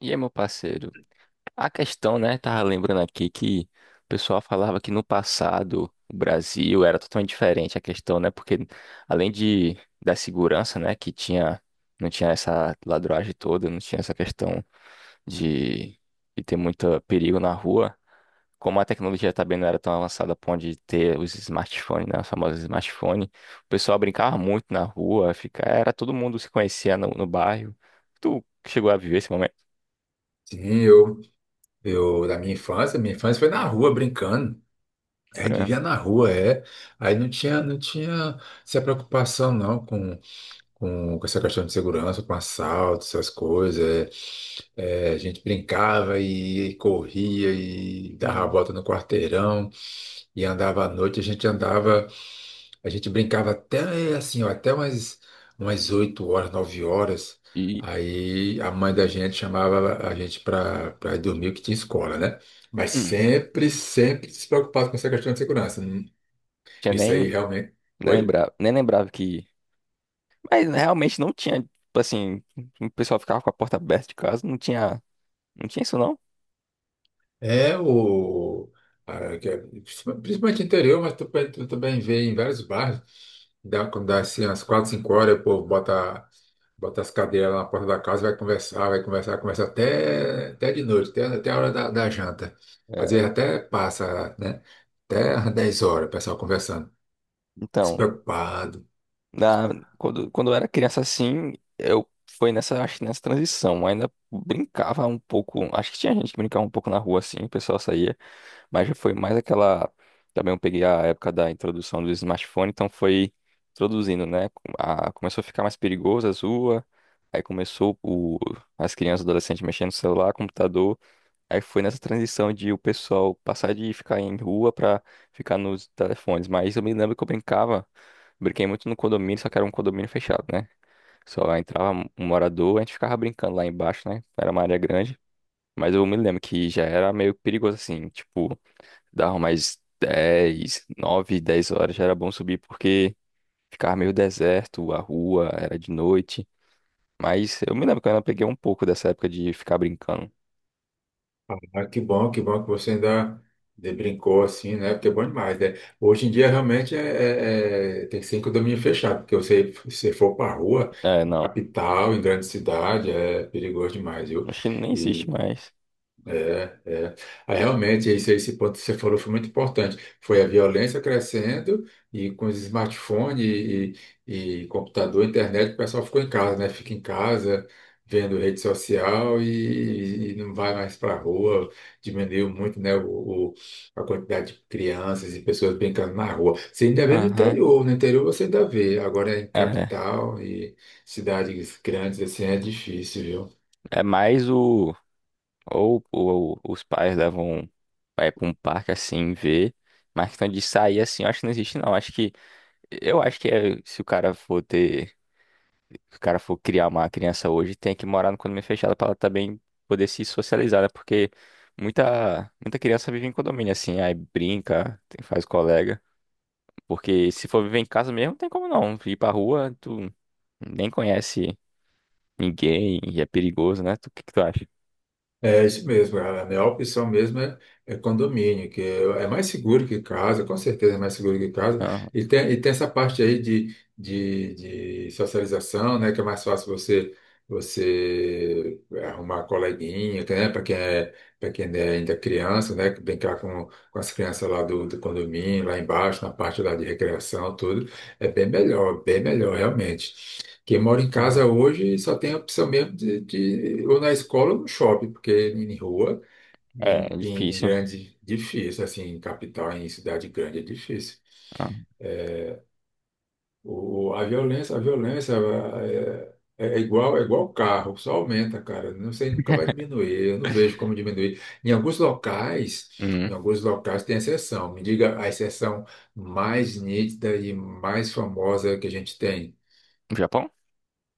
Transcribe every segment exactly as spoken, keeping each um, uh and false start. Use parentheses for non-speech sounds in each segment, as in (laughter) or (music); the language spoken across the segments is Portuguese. E aí, meu parceiro, a questão, né? Tava lembrando aqui que o pessoal falava que no passado o Brasil era totalmente diferente a questão, né? Porque além de da segurança, né, que tinha não tinha essa ladruagem toda, não tinha essa questão de, de ter muito perigo na rua, como a tecnologia também não era tão avançada para onde ter os smartphones, né, os famosos smartphones, o pessoal brincava muito na rua, fica, era todo mundo se conhecia no, no bairro. Tu chegou a viver esse momento? Sim, eu, eu, da minha infância, minha infância foi na rua brincando. A Foi, gente né? vivia na rua, é. Aí não tinha, não tinha essa preocupação não com, com, com essa questão de segurança, com assalto, essas coisas. É, É, a gente brincava e corria e dava a volta no quarteirão e andava à noite. A gente andava. A gente brincava até eh, assim, ó, até umas umas oito horas, nove horas. E Aí a mãe da gente chamava a gente para para ir dormir, que tinha escola, né? Mas hum, sempre, sempre se preocupava com essa questão de segurança. Hum. tinha Isso aí nem realmente. Oi? lembrava, nem lembrava que. Mas realmente não tinha, tipo assim, o pessoal ficava com a porta aberta de casa, não tinha, não tinha isso não. É o. a- que é- Principalmente interior, mas tu, tu também vê em vários bairros. Dá, quando dá assim, às quatro, cinco horas, o povo bota Bota as cadeiras lá na porta da casa, vai conversar, vai conversar, conversa até, até de noite, até, até a hora da, da janta. Às É, vezes até passa, né? Até às 10 horas, o pessoal conversando, então, despreocupado. Na, quando, quando eu era criança assim, eu foi nessa, acho que nessa transição. Eu ainda brincava um pouco. Acho que tinha gente que brincava um pouco na rua assim, o pessoal saía, mas já foi mais aquela. Também eu peguei a época da introdução do smartphone, então foi introduzindo, né? A- começou a ficar mais perigoso as ruas, aí começou o, as crianças e adolescentes mexendo no celular, computador. Aí foi nessa transição de o pessoal passar de ficar em rua pra ficar nos telefones. Mas eu me lembro que eu brincava, brinquei muito no condomínio, só que era um condomínio fechado, né? Só entrava um um morador, a gente ficava brincando lá embaixo, né? Era uma área grande. Mas eu me lembro que já era meio perigoso assim, tipo, dava mais dez, nove, dez horas já era bom subir porque ficava meio deserto, a rua era de noite. Mas eu me lembro que eu ainda peguei um pouco dessa época de ficar brincando. Ah, que bom, que bom que você ainda de- brincou assim, né? Porque é bom demais, né? Hoje em dia realmente é, é- é- tem que ser em condomínio fechado, porque você, se for para rua, É, em não, capital, em grande cidade, é perigoso demais, viu? acho que nem existe mais. É. Aí, realmente, esse, esse ponto que você falou foi muito importante. Foi a violência crescendo e com os smartphones e, e- e computador, internet, o pessoal ficou em casa, né? Fica em casa vendo rede social e, e não vai mais para a rua. Diminuiu muito, né, o, o- a quantidade de crianças e pessoas brincando na rua. Você ainda vê no Aham. interior, no interior você ainda vê. Agora em É, capital e cidades grandes, assim, é difícil, viu? é mais o. Ou, ou os pais levam vai pra um parque assim ver. Mas questão de sair assim, eu acho que não existe, não. Acho que. Eu acho que é, se o cara for ter. Se o cara for criar uma criança hoje, tem que morar no condomínio fechado pra ela também poder se socializar, né? Porque muita, muita criança vive em condomínio, assim, aí brinca, tem- faz colega. Porque se for viver em casa mesmo, não tem como não. Ir pra rua, tu nem conhece ninguém e é perigoso, né? Tu- O que que tu acha? É isso mesmo, cara. A melhor opção mesmo é, é condomínio, que é, é mais seguro que casa, com certeza é mais seguro que casa. E tem, e tem essa parte aí de, de, de socialização, né, que é mais fácil você você é, arrumar coleguinha, que, né, para quem é, para quem é ainda criança, né, brincar com, com as crianças lá do, do condomínio, lá embaixo, na parte lá de recreação, tudo, é bem melhor, bem melhor realmente. Quem mora em Aham. casa hoje só tem a opção mesmo de, de ou na escola ou no shopping, porque em rua, É, é em, em, em difícil. grande, difícil, assim, em capital, em cidade grande é difícil. Ah. É. O, a violência, a violência é, é igual, é igual carro, só aumenta, cara. Não sei, nunca vai diminuir. Eu não vejo como diminuir. Em alguns locais, em Hum. alguns locais tem exceção. Me diga a exceção mais nítida e mais famosa que a gente tem. Japão?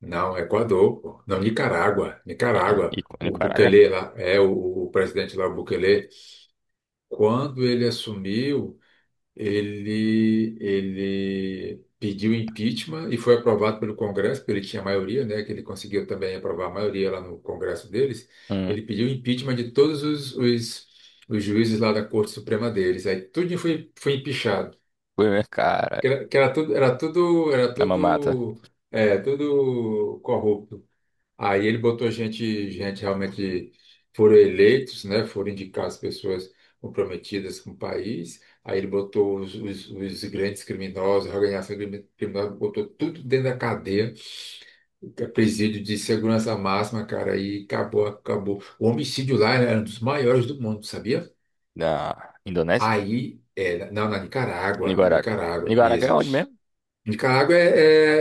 Não, Equador, pô. Não, Nicarágua, E Nicarágua. e O Nicarágua? Bukele lá, é o, o presidente lá, o Bukele, quando ele assumiu, ele, ele pediu impeachment e foi aprovado pelo Congresso, porque ele tinha maioria, né, que ele conseguiu também aprovar a maioria lá no Congresso deles. Hum. Ele pediu impeachment de todos os, os, os juízes lá da Corte Suprema deles. Aí tudo foi, foi empichado. Fui ver, cara, Que era, que era tudo, era tudo, era na mamata. tudo, é, tudo corrupto. Aí ele botou gente, gente realmente foram eleitos, né? Foram indicar as pessoas comprometidas com o país. Aí ele botou os, os, os grandes criminosos, a organização crimi- criminosa, botou tudo dentro da cadeia, que é presídio de segurança máxima, cara. Aí acabou, acabou. O homicídio lá era um dos maiores do mundo, sabia? Na Indonésia? Aí, é, não, na Nicarágua, na Nicarágua. Nicarágua, Nicarágua é isso. onde mesmo? Nicarágua é,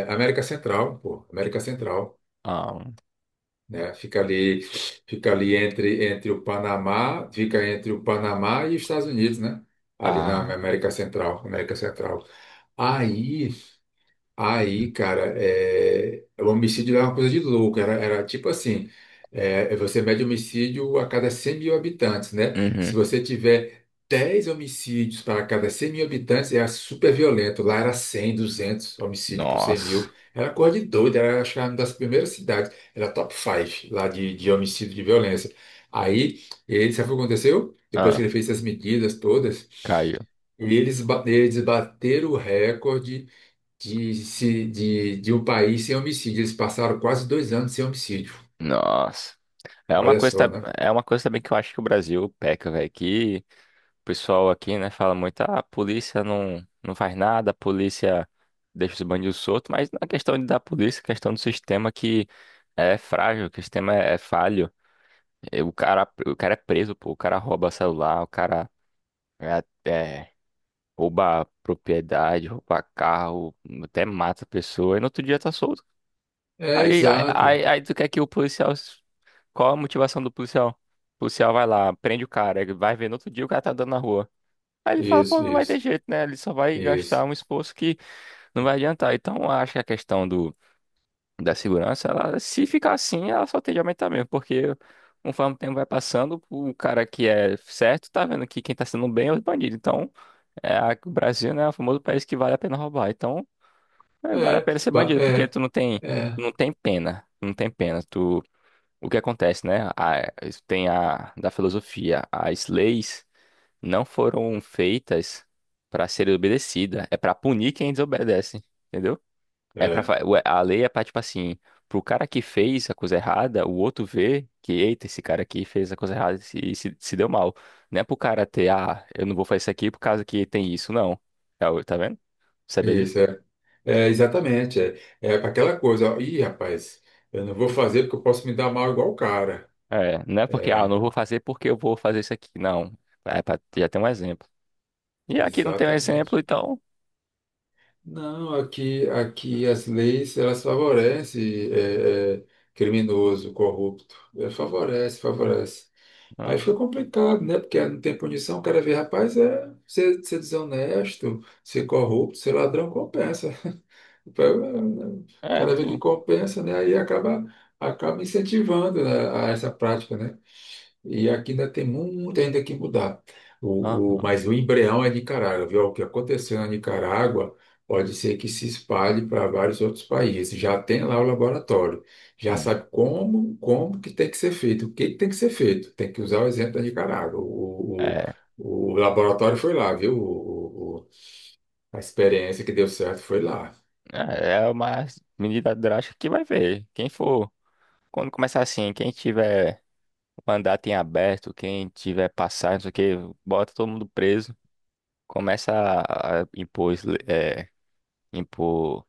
é, é América Central, pô, América Central. Ah. Né? Fica ali, fica ali entre, entre o Panamá, fica entre o Panamá e os Estados Unidos, né? Ali na Ah. América Central, América Central. Aí Aí, cara, é, o homicídio era uma coisa de louco. Era, era tipo assim: é, você mede homicídio a cada cem mil habitantes, né? Se Uhum. você tiver dez homicídios para cada cem mil habitantes, era super violento. Lá era cem, duzentos homicídios por cem Nossa. mil. Era coisa de doido. Era, acho que era uma das primeiras cidades. Era top cinco lá de, de homicídio de violência. Aí, ele, sabe o que aconteceu? Depois que Ah, ele fez essas medidas todas. caiu. E eles, ba- eles bateram o recorde de, se- de, de um país sem homicídio. Eles passaram quase dois anos sem homicídio. Nossa. É uma Olha coisa, só, tab- né? é uma coisa também que eu acho que o Brasil peca, velho, que o pessoal aqui, né, fala muito, ah, a polícia não, não faz nada, a polícia deixa os bandidos soltos, mas não é questão de da polícia, é questão do sistema que é frágil, que o sistema é, é falho. E o cara, o cara é preso, pô, o cara rouba celular, o cara é, é, rouba propriedade, rouba carro, até mata a pessoa, e no outro dia tá solto. É, Aí, aí, exato. aí, aí tu quer que o policial. Qual a motivação do policial? O policial vai lá, prende o cara, ele vai ver no outro dia o cara tá andando na rua. Aí ele fala, pô, Isso, não vai ter isso, jeito, né? Ele só vai gastar isso. um esforço que não vai adiantar. Então, eu acho que a questão do, da segurança, ela, se ficar assim, ela só tende a aumentar mesmo, porque conforme o tempo vai passando, o cara que é certo tá vendo que quem tá sendo bem é os bandidos. Então, é, a- o Brasil, né, é o famoso país que vale a pena roubar. Então, é, vale a É, pena ser ba- bandido, porque é, tu não tem, é, tu não tem pena, não tem pena. Tu, o que acontece, né? A- tem a da filosofia, as leis não foram feitas para serem obedecidas. É para punir quem desobedece, entendeu? É para é, a lei é para tipo assim, pro cara que fez a coisa errada, o outro vê que eita, esse cara aqui fez a coisa errada e se, se, se deu mal. Não é pro cara ter, ah, eu não vou fazer isso aqui por causa que tem isso, não. É o- Tá vendo? Sabia isso, disso? é. É, exatamente. É, é aquela coisa, ó, ih, rapaz, eu não vou fazer porque eu posso me dar mal igual o cara. É, não é porque, ah, eu É, não vou fazer porque eu vou fazer isso aqui. Não. É pra já ter um exemplo. E aqui não tem um exemplo, exatamente. então. Não, aqui, aqui as leis elas favorecem é, é, criminoso, corrupto. É, favorece, favorece. Aí fica Aham. complicado, né? Porque não tem punição, o cara vê, rapaz, é ser, ser desonesto, ser corrupto, ser ladrão, compensa. O É, cara vê que tu. compensa, né? Aí acaba, acaba incentivando, né, a essa prática, né? E aqui ainda tem muito ainda que mudar. O, o, Aham, Mas o embrião é Nicarágua, viu? O que aconteceu na Nicarágua pode ser que se espalhe para vários outros países. Já tem lá o laboratório, já sim. sabe como, como que tem que ser feito, o que que tem que ser feito. Tem que usar o exemplo da Nicarágua. O, É, o, o laboratório foi lá, viu? O, o- o- a experiência que deu certo foi lá. é é uma medida drástica que vai ver. Quem for, quando começar assim, quem tiver mandato em aberto, quem tiver passagem, não sei o que, bota todo mundo preso. Começa a a impor, es- le- eh, impor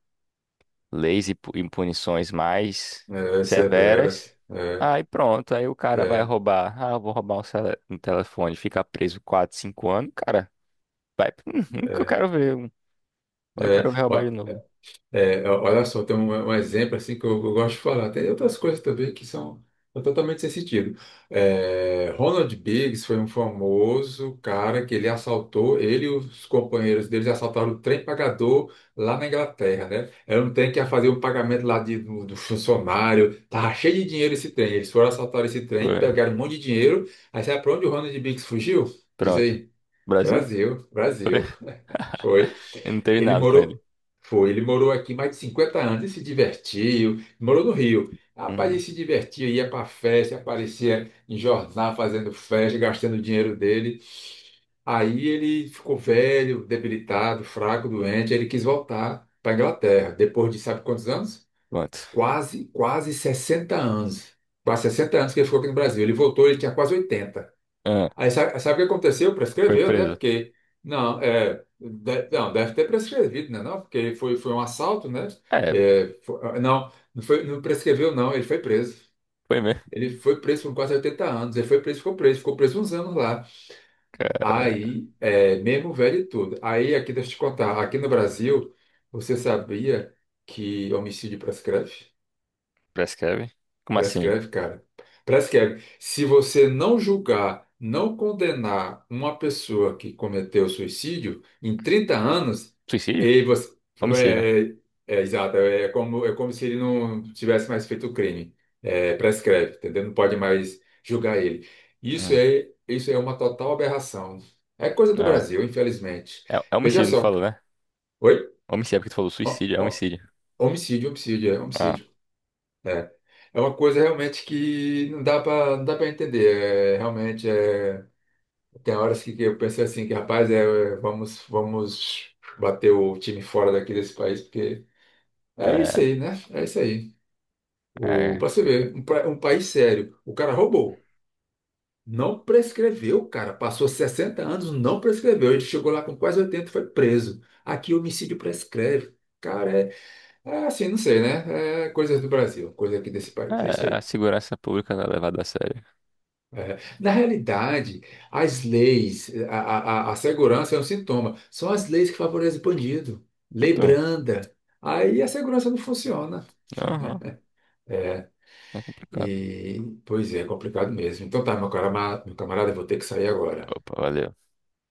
leis e pu- e punições mais É, severas. severas. É, Aí pronto, aí o cara vai é, roubar. Ah, eu vou roubar um, cele- um telefone, fica preso quatro, cinco anos, cara. Vai, (laughs) nunca eu quero ver. um- Eu é. quero roubar de Ó. novo. É, ó- olha só, tem um, um exemplo assim que eu, eu gosto de falar. Tem outras coisas também que são totalmente sem sentido. É, Ronald Biggs foi um famoso cara que ele assaltou, ele e os companheiros deles assaltaram o trem pagador lá na Inglaterra, né? Era um trem que ia fazer um pagamento lá de, do, do funcionário, tava cheio de dinheiro esse trem. Eles foram assaltar esse trem, Foi. pegaram um monte de dinheiro. Aí sabe pra onde o Ronald Biggs fugiu? Diz Pronto. aí, Brasil? Brasil, Brasil. Foi. Eu não teve Ele nada com ele. morou, foi, ele morou aqui mais de cinquenta anos e se divertiu. Morou no Rio. Rapaz, ele Uhum. se divertia, ia para festa, aparecia em jornal fazendo festa, gastando o dinheiro dele. Aí ele ficou velho, debilitado, fraco, doente. Ele quis voltar para Inglaterra, depois de sabe quantos anos? Pronto. Quase, quase sessenta anos. Quase sessenta anos que ele ficou aqui no Brasil. Ele voltou, ele tinha quase oitenta. Ah, Aí sabe, sabe o que aconteceu? foi Prescreveu, né? preso. Porque, não, é, de- não, deve ter prescrevido, né? Não, porque foi, foi um assalto, né? É, É, fo- ah, não, não, foi, não prescreveu, não. Ele foi preso. foi mesmo, Ele foi preso por quase oitenta anos. Ele foi preso, ficou preso, ficou preso uns anos lá. cara. Aí, é, mesmo velho e tudo. Aí, aqui, deixa eu te contar, aqui no Brasil, você sabia que homicídio prescreve? Prescreve. Como assim? Prescreve, cara. Prescreve. Se você não julgar, não condenar uma pessoa que cometeu suicídio em trinta anos, Suicídio? ele você. Homicídio, né? É, é, é, exato, é como, é como se ele não tivesse mais feito o crime. É, prescreve, entendeu? Não pode mais julgar ele. Isso Hum. é, isso é uma total aberração. É coisa do Ah, Brasil, infelizmente. é, é Veja homicídio, não só. falou, né? Oi? Homicídio, é porque tu falou Ho- suicídio, é ho- homicídio. Homicídio, homicídio, é Ah, homicídio. É. É uma coisa realmente que não dá para não dá para entender. É, realmente é, tem horas que, que eu pensei assim que rapaz, é, é, vamos vamos bater o time fora daqui desse país porque é isso é, aí, né? É isso aí. O é. Para você ver, um, pra- um país sério, o cara roubou, não prescreveu, cara, passou sessenta anos, não prescreveu, ele chegou lá com quase oitenta e foi preso. Aqui homicídio prescreve. Cara, é, é assim, não sei, né? É coisas do Brasil, coisa aqui desse país. É isso É, a aí. segurança pública não é levada a sério. É. Na realidade, as leis, a, a, a a segurança é um sintoma, são as leis que favorecem o bandido. Lei Então, branda. Aí a segurança não funciona. aham, É. é complicado. E, Pois é, é complicado mesmo. Então tá, meu cara, meu camarada, eu vou ter que sair agora. Opa, valeu.